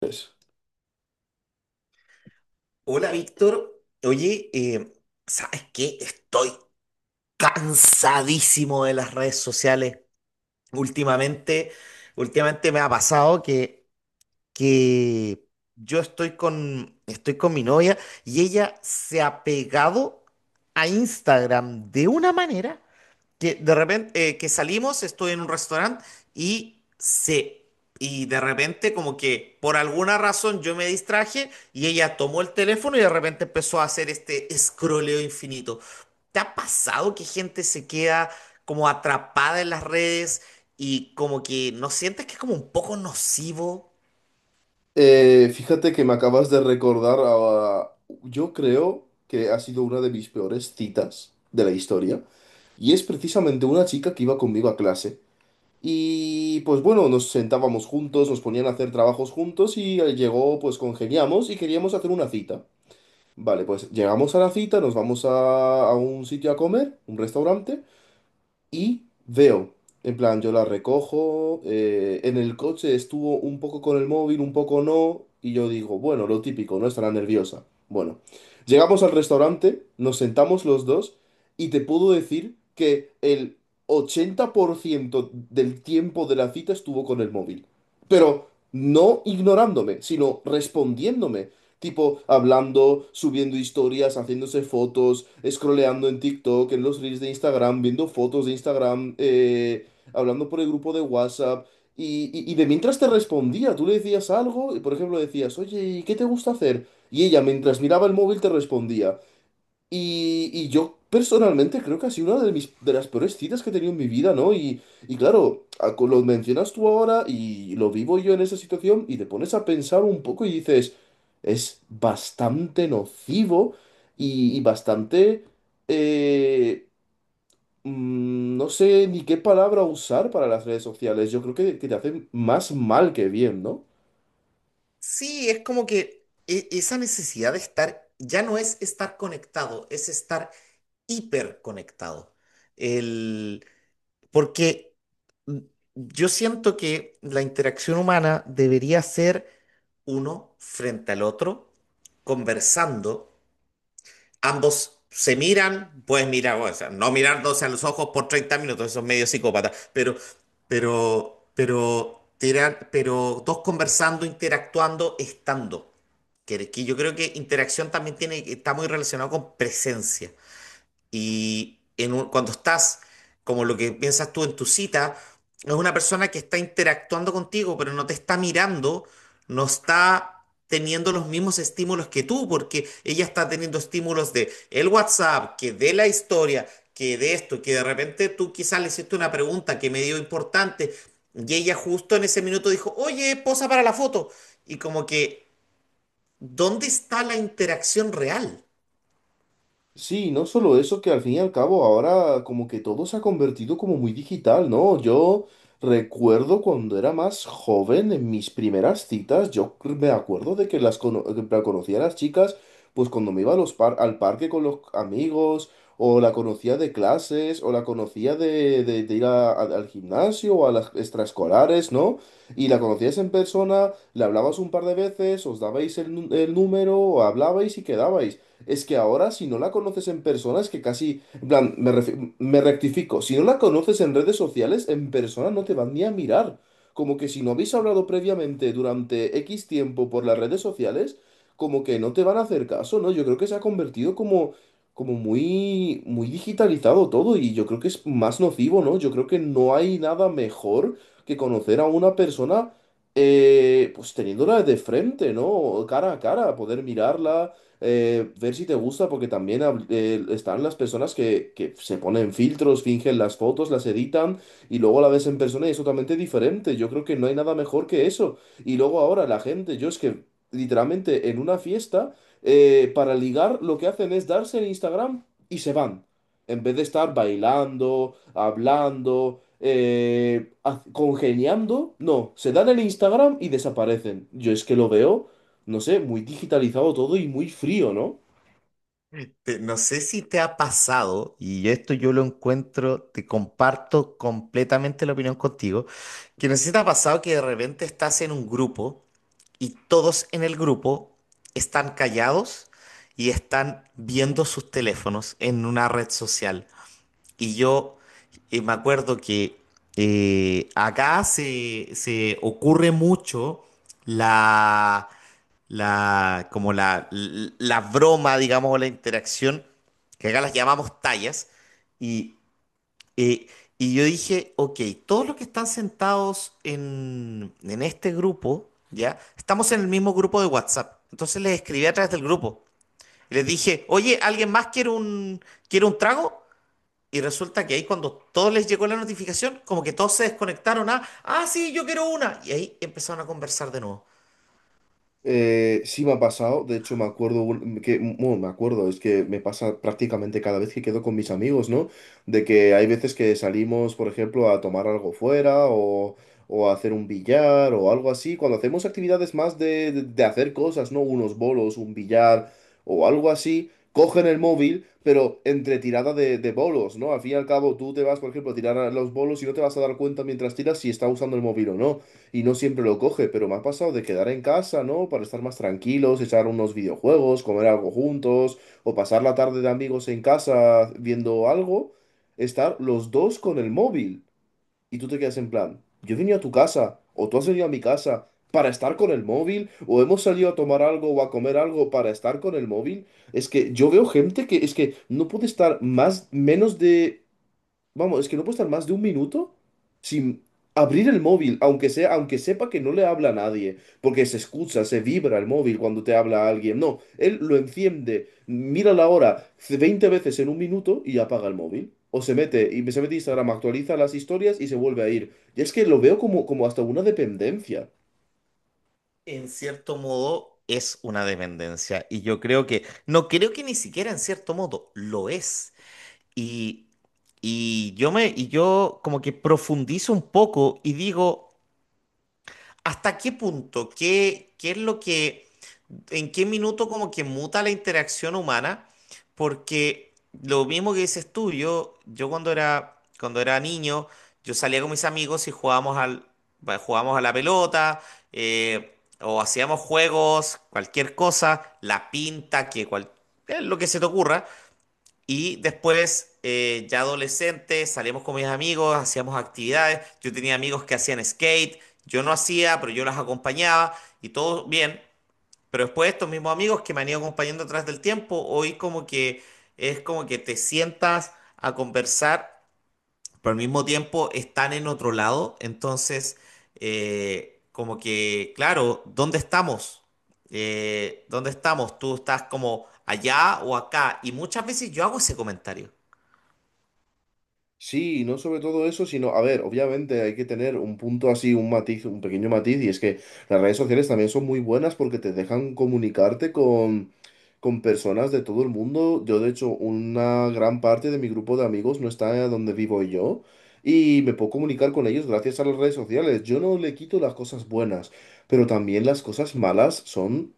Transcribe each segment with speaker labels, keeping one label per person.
Speaker 1: Eso.
Speaker 2: Hola Víctor, oye, ¿sabes qué? Estoy cansadísimo de las redes sociales. Últimamente, Últimamente me ha pasado que yo estoy con mi novia y ella se ha pegado a Instagram de una manera. Que de repente, que salimos, estoy en un restaurante y se... Y de repente como que por alguna razón yo me distraje y ella tomó el teléfono y de repente empezó a hacer este escroleo infinito. ¿Te ha pasado que gente se queda como atrapada en las redes y como que no sientes que es como un poco nocivo?
Speaker 1: Fíjate que me acabas de recordar yo creo que ha sido una de mis peores citas de la historia. Y es precisamente una chica que iba conmigo a clase. Y pues bueno, nos sentábamos juntos, nos ponían a hacer trabajos juntos y llegó, pues congeniamos y queríamos hacer una cita. Vale, pues llegamos a la cita, nos vamos a un sitio a comer, un restaurante. Y veo, en plan, yo la recojo, en el coche estuvo un poco con el móvil, un poco no, y yo digo, bueno, lo típico, no estará nerviosa. Bueno, llegamos al restaurante, nos sentamos los dos y te puedo decir que el 80% del tiempo de la cita estuvo con el móvil. Pero no ignorándome, sino respondiéndome. Tipo, hablando, subiendo historias, haciéndose fotos, scrolleando en TikTok, en los reels de Instagram, viendo fotos de Instagram, hablando por el grupo de WhatsApp. Y de mientras te respondía, tú le decías algo, y por ejemplo decías, oye, ¿y qué te gusta hacer? Y ella, mientras miraba el móvil, te respondía. Y yo personalmente creo que ha sido una de mis, de las peores citas que he tenido en mi vida, ¿no? Y claro, lo mencionas tú ahora y lo vivo yo en esa situación y te pones a pensar un poco y dices, es bastante nocivo y bastante, eh, no sé ni qué palabra usar para las redes sociales. Yo creo que te hacen más mal que bien, ¿no?
Speaker 2: Sí, es como que esa necesidad de estar, ya no es estar conectado, es estar hiperconectado. El, Porque yo siento que la interacción humana debería ser uno frente al otro, conversando. Ambos se miran, pues mira, o sea, no mirándose a los ojos por 30 minutos, eso es medio psicópata, pero, pero dos conversando, interactuando, estando. Que yo creo que interacción también tiene, está muy relacionado con presencia. Y en cuando estás, como lo que piensas tú en tu cita, es una persona que está interactuando contigo, pero no te está mirando, no está teniendo los mismos estímulos que tú, porque ella está teniendo estímulos de el WhatsApp, que de la historia, que de esto, que de repente tú quizás le hiciste una pregunta que me dio importante, y ella justo en ese minuto dijo, oye, posa para la foto. Y como que, ¿dónde está la interacción real?
Speaker 1: Sí, no solo eso, que al fin y al cabo ahora como que todo se ha convertido como muy digital, ¿no? Yo recuerdo cuando era más joven, en mis primeras citas, yo me acuerdo de que que la conocía a las chicas, pues cuando me iba a al parque con los amigos, o la conocía de clases, o la conocía de ir al gimnasio o a las extraescolares, ¿no? Y la conocías en persona, le hablabas un par de veces, os dabais el número, hablabais y quedabais. Es que ahora, si no la conoces en persona, es que casi, en plan, me rectifico, si no la conoces en redes sociales, en persona no te van ni a mirar. Como que si no habéis hablado previamente durante X tiempo por las redes sociales, como que no te van a hacer caso, ¿no? Yo creo que se ha convertido como muy, muy digitalizado todo y yo creo que es más nocivo, ¿no? Yo creo que no hay nada mejor que conocer a una persona, pues teniéndola de frente, ¿no? Cara a cara, poder mirarla, ver si te gusta, porque también están las personas que se ponen filtros, fingen las fotos, las editan y luego la ves en persona y es totalmente diferente. Yo creo que no hay nada mejor que eso. Y luego ahora la gente, yo es que literalmente en una fiesta, para ligar, lo que hacen es darse en Instagram y se van. En vez de estar bailando, hablando, congeniando, no, se dan el Instagram y desaparecen. Yo es que lo veo, no sé, muy digitalizado todo y muy frío, ¿no?
Speaker 2: No sé si te ha pasado, y esto yo lo encuentro, te comparto completamente la opinión contigo, que no sé si te ha pasado que de repente estás en un grupo y todos en el grupo están callados y están viendo sus teléfonos en una red social. Y yo me acuerdo que acá se ocurre mucho la la, como la broma, digamos, o la interacción, que acá las llamamos tallas, y, eh, y yo dije, ok, todos los que están sentados en este grupo, ¿ya? Estamos en el mismo grupo de WhatsApp, entonces les escribí a través del grupo, y les dije, oye, ¿alguien más quiere un trago? Y resulta que ahí cuando todos les llegó la notificación, como que todos se desconectaron ah, sí, yo quiero una. Y ahí empezaron a conversar de nuevo.
Speaker 1: Sí me ha pasado, de hecho me acuerdo que, bueno, me acuerdo, es que me pasa prácticamente cada vez que quedo con mis amigos, ¿no? De que hay veces que salimos, por ejemplo, a tomar algo fuera o a hacer un billar o algo así, cuando hacemos actividades más de hacer cosas, ¿no? Unos bolos, un billar o algo así, cogen el móvil, pero entre tirada de bolos, ¿no? Al fin y al cabo tú te vas, por ejemplo, a tirar a los bolos y no te vas a dar cuenta mientras tiras si está usando el móvil o no. Y no siempre lo coge, pero me ha pasado de quedar en casa, ¿no? Para estar más tranquilos, echar unos videojuegos, comer algo juntos, o pasar la tarde de amigos en casa viendo algo, estar los dos con el móvil. Y tú te quedas en plan, yo he venido a tu casa, o tú has venido a mi casa para estar con el móvil, o hemos salido a tomar algo o a comer algo para estar con el móvil. Es que yo veo gente que es que no puede estar más, menos de. Vamos, es que no puedo estar más de un minuto sin abrir el móvil, aunque sea, aunque sepa que no le habla a nadie, porque se escucha, se vibra el móvil cuando te habla a alguien. No, él lo enciende, mira la hora 20 veces en un minuto y apaga el móvil. O se mete, y se mete a Instagram, actualiza las historias y se vuelve a ir. Y es que lo veo como hasta una dependencia.
Speaker 2: En cierto modo es una dependencia y yo creo que, no creo que ni siquiera en cierto modo lo es. Y, y yo como que profundizo un poco y digo... ¿Hasta qué punto? ¿Qué es lo que, en qué minuto como que muta la interacción humana? Porque lo mismo que dices tú, yo cuando era niño, yo salía con mis amigos y jugábamos a la pelota, o hacíamos juegos, cualquier cosa, la pinta, lo que se te ocurra. Y después, ya adolescente, salíamos con mis amigos, hacíamos actividades. Yo tenía amigos que hacían skate, yo no hacía, pero yo las acompañaba y todo bien. Pero después estos mismos amigos que me han ido acompañando atrás del tiempo, hoy como que es como que te sientas a conversar, pero al mismo tiempo están en otro lado. Entonces, como que, claro, ¿dónde estamos? ¿Dónde estamos? ¿Tú estás como allá o acá? Y muchas veces yo hago ese comentario.
Speaker 1: Sí, y no sobre todo eso, sino, a ver, obviamente hay que tener un punto así, un matiz, un pequeño matiz, y es que las redes sociales también son muy buenas porque te dejan comunicarte con personas de todo el mundo. Yo, de hecho, una gran parte de mi grupo de amigos no está donde vivo yo, y me puedo comunicar con ellos gracias a las redes sociales. Yo no le quito las cosas buenas, pero también las cosas malas son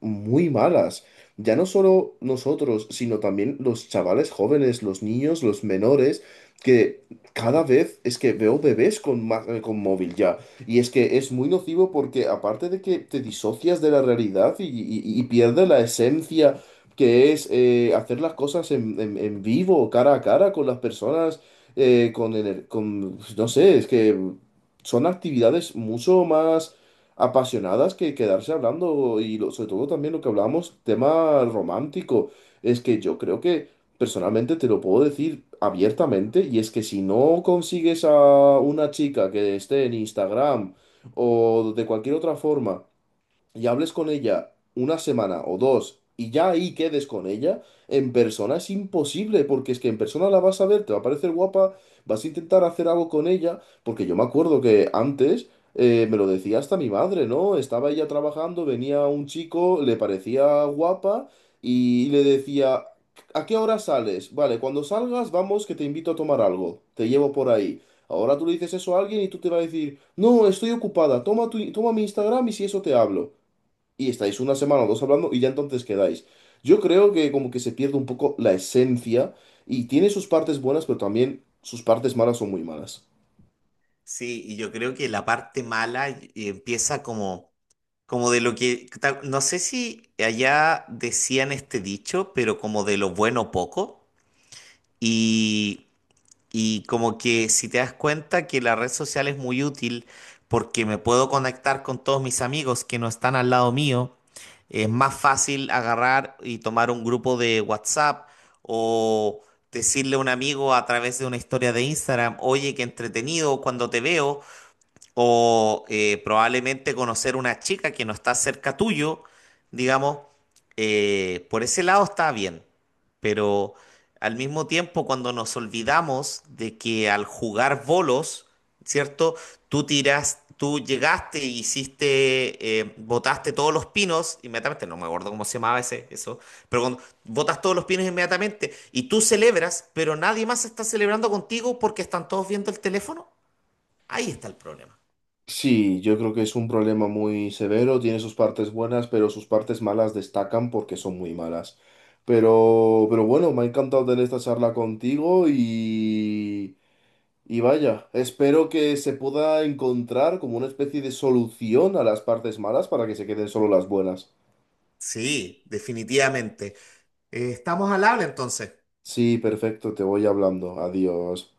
Speaker 1: muy malas. Ya no solo nosotros, sino también los chavales jóvenes, los niños, los menores, que cada vez es que veo bebés con móvil ya. Y es que es muy nocivo porque aparte de que te disocias de la realidad y pierdes la esencia que es, hacer las cosas en vivo, cara a cara con las personas, con, pues, no sé, es que son actividades mucho más apasionadas que quedarse hablando sobre todo también lo que hablamos, tema romántico. Es que yo creo que personalmente te lo puedo decir abiertamente y es que si no consigues a una chica que esté en Instagram o de cualquier otra forma, y hables con ella una semana o dos y ya ahí quedes con ella, en persona es imposible, porque es que en persona la vas a ver, te va a parecer guapa, vas a intentar hacer algo con ella, porque yo me acuerdo que antes, me lo decía hasta mi madre, ¿no? Estaba ella trabajando, venía un chico, le parecía guapa y le decía, ¿a qué hora sales? Vale, cuando salgas, vamos que te invito a tomar algo. Te llevo por ahí. Ahora tú le dices eso a alguien y tú te va a decir, no, estoy ocupada, toma tu, toma mi Instagram y si eso te hablo y estáis una semana o dos hablando y ya entonces quedáis. Yo creo que como que se pierde un poco la esencia y tiene sus partes buenas, pero también sus partes malas son muy malas.
Speaker 2: Sí, y yo creo que la parte mala empieza como de lo que, no sé si allá decían este dicho, pero como de lo bueno poco. Y, y como que si te das cuenta que la red social es muy útil porque me puedo conectar con todos mis amigos que no están al lado mío, es más fácil agarrar y tomar un grupo de WhatsApp o decirle a un amigo a través de una historia de Instagram, oye, qué entretenido cuando te veo o probablemente conocer una chica que no está cerca tuyo, digamos, por ese lado está bien, pero al mismo tiempo cuando nos olvidamos de que al jugar bolos, ¿cierto? Tú tiras, tú llegaste, hiciste, botaste todos los pinos inmediatamente, no me acuerdo cómo se llamaba eso, pero cuando botas todos los pinos inmediatamente y tú celebras, pero nadie más está celebrando contigo porque están todos viendo el teléfono, ahí está el problema.
Speaker 1: Sí, yo creo que es un problema muy severo, tiene sus partes buenas, pero sus partes malas destacan porque son muy malas. Pero bueno, me ha encantado tener esta charla contigo y vaya, espero que se pueda encontrar como una especie de solución a las partes malas para que se queden solo las buenas.
Speaker 2: Sí, definitivamente. Estamos al habla entonces.
Speaker 1: Sí, perfecto, te voy hablando. Adiós.